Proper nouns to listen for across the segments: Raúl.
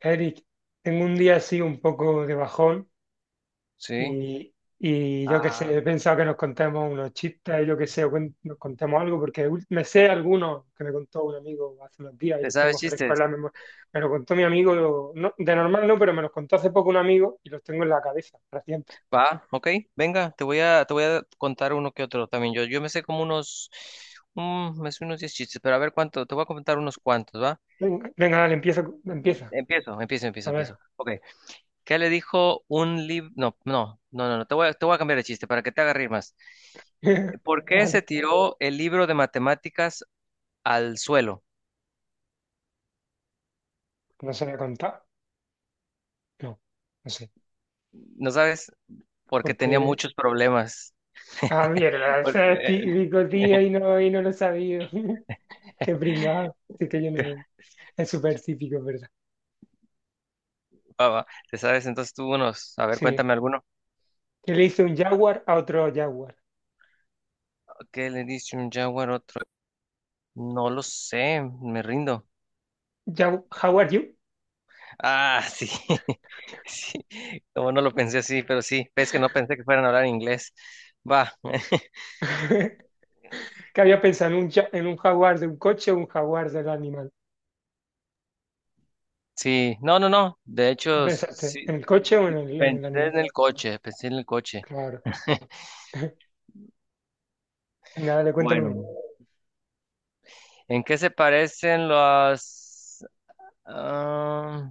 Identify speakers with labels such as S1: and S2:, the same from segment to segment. S1: Eric, tengo un día así un poco de bajón
S2: Sí.
S1: y yo qué
S2: Ah,
S1: sé, he pensado que nos contemos unos chistes, yo qué sé, o nos contemos algo, porque me sé algunos que me contó un amigo hace unos días y
S2: ¿te
S1: los
S2: sabes
S1: tengo frescos en
S2: chistes?
S1: la memoria. Me lo contó mi amigo, de normal no, pero me los contó hace poco un amigo y los tengo en la cabeza, reciente.
S2: Va, ok, venga, te voy a contar uno que otro también. Yo me sé unos 10 chistes, pero a ver cuánto, te voy a contar unos cuantos, ¿va?
S1: Venga, venga, dale, empieza, empieza.
S2: Empiezo, empiezo,
S1: A
S2: empiezo,
S1: ver.
S2: empiezo. Ok, ¿qué le dijo un libro? No, no, no, no, no, te voy a cambiar el chiste para que te haga reír más. ¿Por qué se
S1: Vale,
S2: tiró el libro de matemáticas al suelo?
S1: no se voy a contar. No, no sé.
S2: ¿No sabes? Porque tenía
S1: Porque,
S2: muchos problemas.
S1: mierda, ese es
S2: Porque.
S1: típico, tío, y no lo he sabido. Qué pringado. Sí que yo no me... Es súper típico, es ¿verdad?
S2: Va, va, ¿te sabes entonces tú unos? A ver,
S1: Sí.
S2: cuéntame alguno.
S1: Que le hizo un jaguar a otro jaguar.
S2: ¿Qué le dice un jaguar a otro? No lo sé, me rindo.
S1: How are you?
S2: Ah, sí. Sí, como no lo pensé así, pero sí, es que no pensé que fueran a hablar inglés. Va,
S1: Que había pensado en en un jaguar de un coche o un jaguar del animal.
S2: sí, no, no, no. De
S1: ¿Qué
S2: hecho,
S1: pensaste? ¿En
S2: sí,
S1: el
S2: sí,
S1: coche o
S2: sí,
S1: en en el
S2: pensé
S1: animal?
S2: en el coche, pensé en el coche.
S1: Claro. Nada, le cuéntame
S2: Bueno,
S1: uno.
S2: ¿en qué se parecen los... Ah,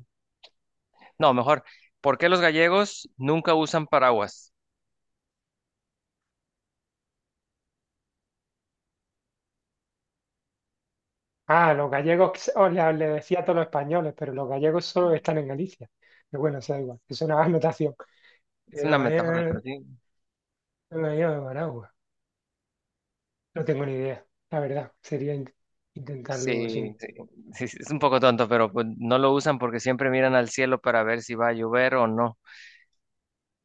S2: no, mejor, ¿por qué los gallegos nunca usan paraguas?
S1: Ah, los gallegos, que os le, le decía a todos los españoles, pero los gallegos solo están en Galicia. Pero bueno, eso da igual, es una anotación.
S2: Es
S1: Eh, Los
S2: una metáfora, pero
S1: gallegos,
S2: sí.
S1: los gallegos de Managua. No tengo ni idea, la verdad. Sería intentarlo sin.
S2: Sí, sí, sí, sí, es un poco tonto, pero pues, no lo usan porque siempre miran al cielo para ver si va a llover o no.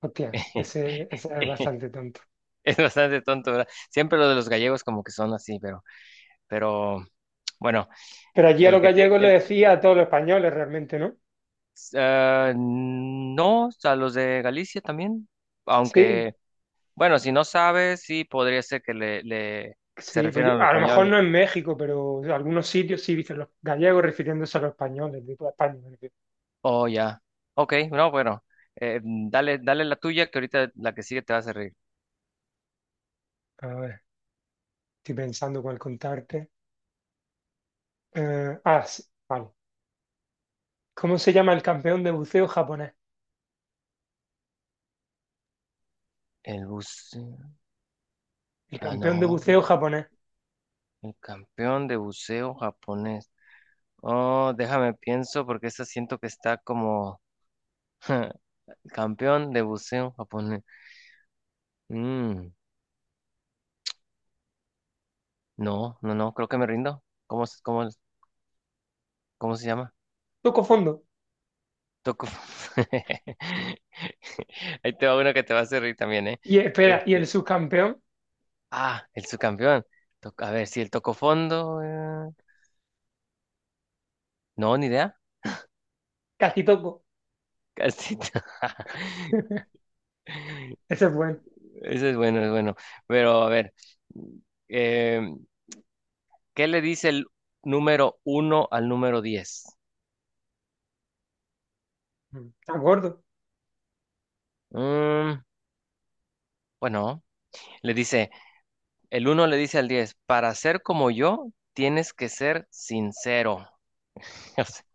S1: Hostia, ese es bastante tonto.
S2: Es bastante tonto, ¿verdad? Siempre lo de los gallegos como que son así, pero bueno,
S1: Pero allí a
S2: el
S1: los
S2: que sí-
S1: gallegos le
S2: el-
S1: decía a todos los españoles realmente, ¿no?
S2: ah, no, a los de Galicia también,
S1: Sí,
S2: aunque, bueno, si no sabes, sí podría ser que le se
S1: sí, pues
S2: refieran a los
S1: a lo mejor
S2: españoles.
S1: no en México, pero en algunos sitios sí dicen los gallegos refiriéndose a los españoles de toda España. Me refiero.
S2: Oh, ya. Ok, no, bueno, dale, dale la tuya, que ahorita la que sigue te vas a reír.
S1: A ver, estoy pensando cuál contarte. Sí, vale. ¿Cómo se llama el campeón de buceo japonés?
S2: El bus.
S1: El
S2: Ah,
S1: campeón de
S2: no,
S1: buceo japonés.
S2: el campeón de buceo japonés. Oh, déjame pienso porque esta siento que está como campeón de buceo japonés. Mm, no, no, no, creo que me rindo. ¿Cómo se llama?
S1: Toco fondo.
S2: Toku. Ahí te va uno que te va a hacer reír también, ¿eh?
S1: Y espera, y el
S2: Este,
S1: subcampeón,
S2: el subcampeón. A ver, si el tocó fondo. No, ni idea.
S1: casi toco.
S2: Casi.
S1: Ese es bueno.
S2: Eso es bueno, es bueno. Pero a ver. mm, em, ¿Qué le dice el número uno al número 10?
S1: Está gordo.
S2: Mm, bueno, le dice, el uno le dice al 10 para ser como yo, tienes que ser sincero.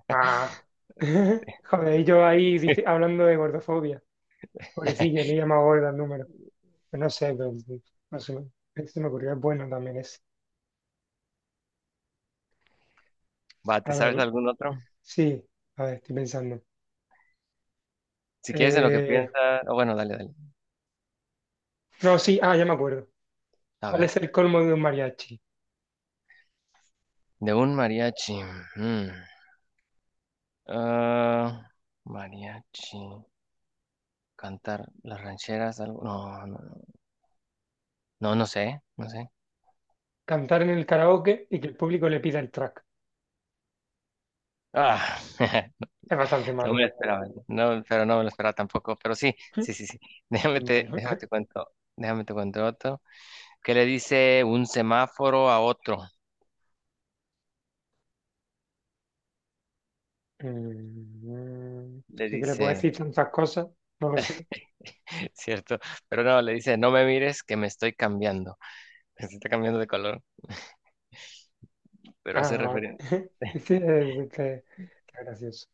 S1: Ah, joder, y yo ahí hablando de gordofobia. Pobrecillo, le he llamado gorda al número. Pero no sé, pero sí, no sé, se me ocurrió, es bueno también ese.
S2: Va, ¿te
S1: A
S2: sabes
S1: ver,
S2: algún otro?
S1: sí, a ver, estoy pensando.
S2: Si quieres en lo que
S1: Eh,
S2: piensas, oh, bueno, dale, dale.
S1: no, sí, ah, ya me acuerdo.
S2: A
S1: ¿Cuál
S2: ver,
S1: es el colmo de un mariachi?
S2: de un mariachi. mm, ah, mariachi. Cantar las rancheras, algo. No, no, no, no, no sé, no sé.
S1: Cantar en el karaoke y que el público le pida el track.
S2: Ah,
S1: Es bastante
S2: no me
S1: malo.
S2: lo esperaba, no, pero no me lo esperaba tampoco. Pero sí, sí, sí, sí. Déjame
S1: Es
S2: te,
S1: malo.
S2: déjame te cuento, déjame te cuento otro. ¿Qué le dice un semáforo a otro?
S1: Mm,
S2: Le
S1: así que le puedo
S2: dice,
S1: decir tantas cosas, no lo sé.
S2: cierto, pero no, le dice, no me mires que me estoy cambiando. Se está cambiando de color, pero hace
S1: Ah, vale.
S2: referencia.
S1: Este es gracioso.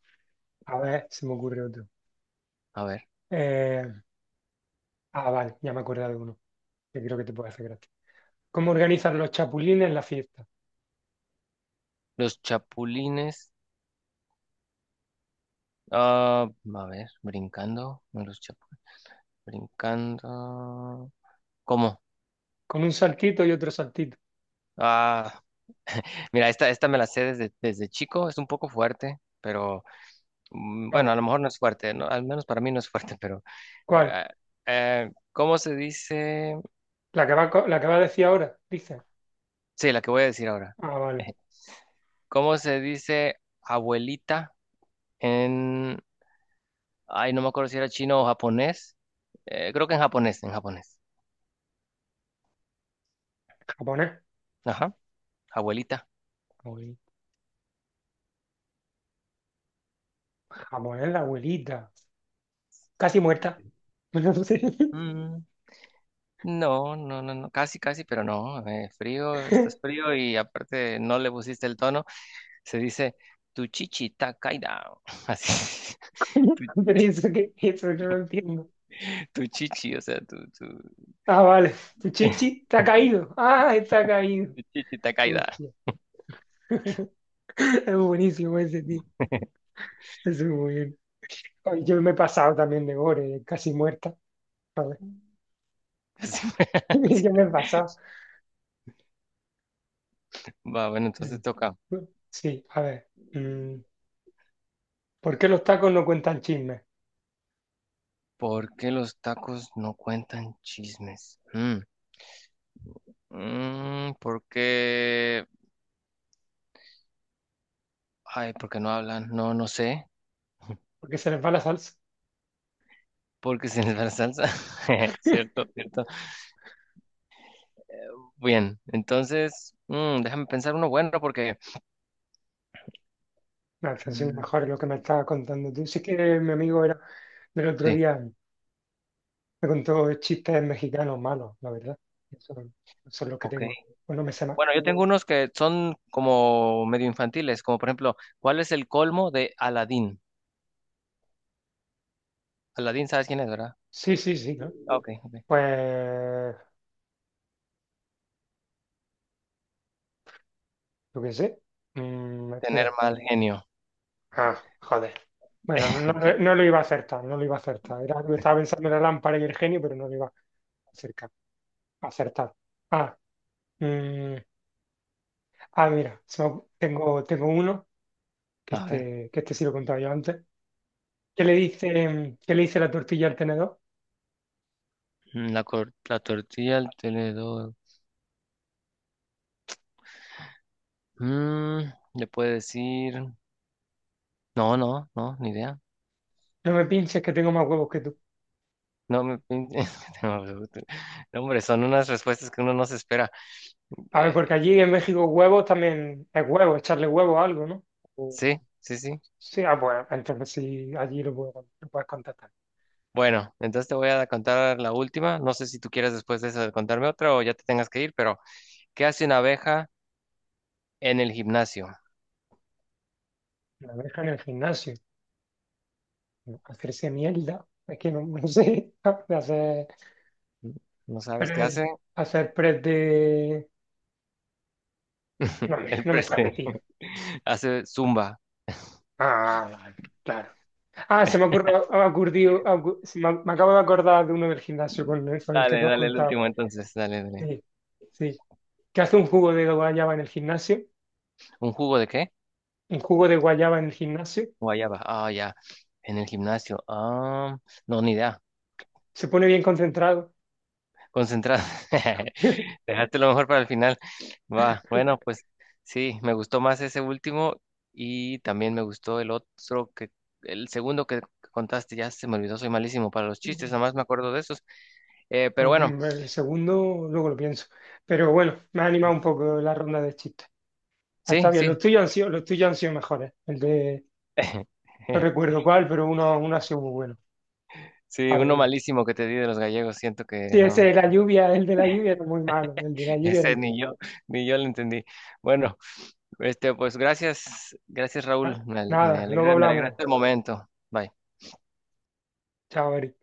S1: A ver, se me ocurre otro.
S2: A ver,
S1: Eh, vale, ya me acordé de uno, que creo que te puede hacer gracia. ¿Cómo organizan los chapulines la fiesta?
S2: los chapulines. Ah, a ver, brincando. No, los chapulines. Brincando. ¿Cómo?
S1: Con un saltito y otro saltito.
S2: Ah, mira, esta me la sé desde, chico. Es un poco fuerte, pero. Bueno, a
S1: ¿Cuál?
S2: lo mejor no es fuerte, ¿no? Al menos para mí no es fuerte, pero
S1: ¿Cuál?
S2: eh, ¿cómo se dice?
S1: ¿La que va, la que va a decir ahora? Dice.
S2: Sí, la que voy a decir ahora.
S1: Ah, vale,
S2: ¿Cómo se dice abuelita en, ay, no me acuerdo si era chino o japonés? Creo que en japonés, en japonés.
S1: japonés.
S2: Ajá, abuelita.
S1: Abue- Japonés, la abuelita. Casi muerta. No sé.
S2: Mm, no, no, no, no, casi, casi, pero no. Frío, estás frío y aparte no le pusiste el tono. Se dice tu chichi está caída. Así, tu,
S1: Pero eso que, eso no lo entiendo.
S2: tu, chichi, o sea, tu.
S1: Ah, vale. Tu chichi está caído. Ah, está caído.
S2: Chichita caída.
S1: Hostia, es buenísimo ese tío. Es muy bien. Ay, yo me he pasado también de gore, casi muerta.
S2: Sí.
S1: Yo me he pasado.
S2: Va, bueno, entonces
S1: Mm.
S2: toca.
S1: Sí, a ver. ¿Por qué los tacos no cuentan chismes?
S2: ¿Por qué los tacos no cuentan chismes? ¿Por qué? Ay, ¿por qué no hablan? No, no sé.
S1: Porque se les va la salsa.
S2: Porque se les va la salsa. Cierto, cierto. Bien, entonces, déjame pensar uno bueno porque.
S1: Me está siendo
S2: Mm,
S1: mejor lo que me estabas contando tú. Sí que mi amigo era del otro
S2: sí,
S1: día, me contó chistes mexicanos malos, la verdad. Eso, eso es lo que
S2: ok.
S1: tengo. Bueno, me sé más.
S2: Bueno, yo tengo unos que son como medio infantiles, como por ejemplo, ¿cuál es el colmo de Aladín? Aladín, ¿sabes quién es, verdad?
S1: Sí, sí, sí, ¿no?
S2: Ah, ok, ok.
S1: Pues, yo qué sé. Mm,
S2: Tener
S1: espera.
S2: mal genio.
S1: Ah, joder. Bueno, no, lo no lo iba a acertar, no lo iba a acertar. Era, estaba pensando en la lámpara y el genio, pero no lo iba a acercar, a acertar. Ah, Mm, mira, tengo uno,
S2: A ver,
S1: que este sí lo he contado yo antes. ¿Qué le dice la tortilla al tenedor?
S2: la tortilla, el tenedor. Mm, le puede decir. No, no, no, ni idea.
S1: No me pinches que tengo más huevos que tú.
S2: No, no, no, hombre, son unas respuestas que uno no se espera.
S1: A ver, porque
S2: Eh,
S1: allí en México huevos también es huevo, echarle huevo a algo, ¿no? O-
S2: sí, sí, sí.
S1: sí, ah, bueno, entonces sí, allí lo puedes contestar.
S2: Bueno, entonces te voy a contar la última. No sé si tú quieres después de eso contarme otra o ya te tengas que ir, pero ¿qué hace una abeja en el gimnasio?
S1: La abeja en el gimnasio, hacerse mierda, es que no, no sé, de
S2: ¿No sabes qué
S1: press,
S2: hace?
S1: hacer press de... No,
S2: El
S1: no me
S2: preste.
S1: sale, tío.
S2: Hace zumba.
S1: Ah, vale, claro. Ah, se me ha ocurrido, ha ocurrido- ha ocu- se me, me acabo de acordar de uno del gimnasio con con el que
S2: Dale,
S1: tú has
S2: dale, el
S1: contado.
S2: último entonces. Dale, dale.
S1: Sí, sí. Que hace un jugo de guayaba en el gimnasio,
S2: ¿Un jugo de qué?
S1: un jugo de guayaba en el gimnasio,
S2: Guayaba. Ah, ya. En el gimnasio. Ah, no, ni idea.
S1: se pone bien concentrado.
S2: Concentrado. Dejaste lo mejor para el final. Va, bueno, pues sí, me gustó más ese último y también me gustó el otro que, el segundo que contaste, ya se me olvidó, soy malísimo para los chistes, nada más me acuerdo de esos. Pero bueno,
S1: Mm, el segundo, luego lo pienso. Pero bueno, me ha animado un poco la ronda de chistes. Ah, está
S2: sí,
S1: bien,
S2: sí.
S1: los tuyos han sido mejores. El de, no recuerdo cuál, pero uno, uno ha sido muy bueno.
S2: Sí,
S1: Par de
S2: uno
S1: ellos.
S2: malísimo que te di de los gallegos, siento que
S1: Sí, ese
S2: no,
S1: de la lluvia, el de la lluvia era muy malo, el de la lluvia era
S2: ese
S1: muy
S2: ni
S1: malo.
S2: yo, ni yo lo entendí. Bueno. Este, pues gracias, gracias
S1: Ah,
S2: Raúl, me, me
S1: nada, luego
S2: alegra, me
S1: hablamos.
S2: alegraste el momento. Bye.
S1: Chao, Eric.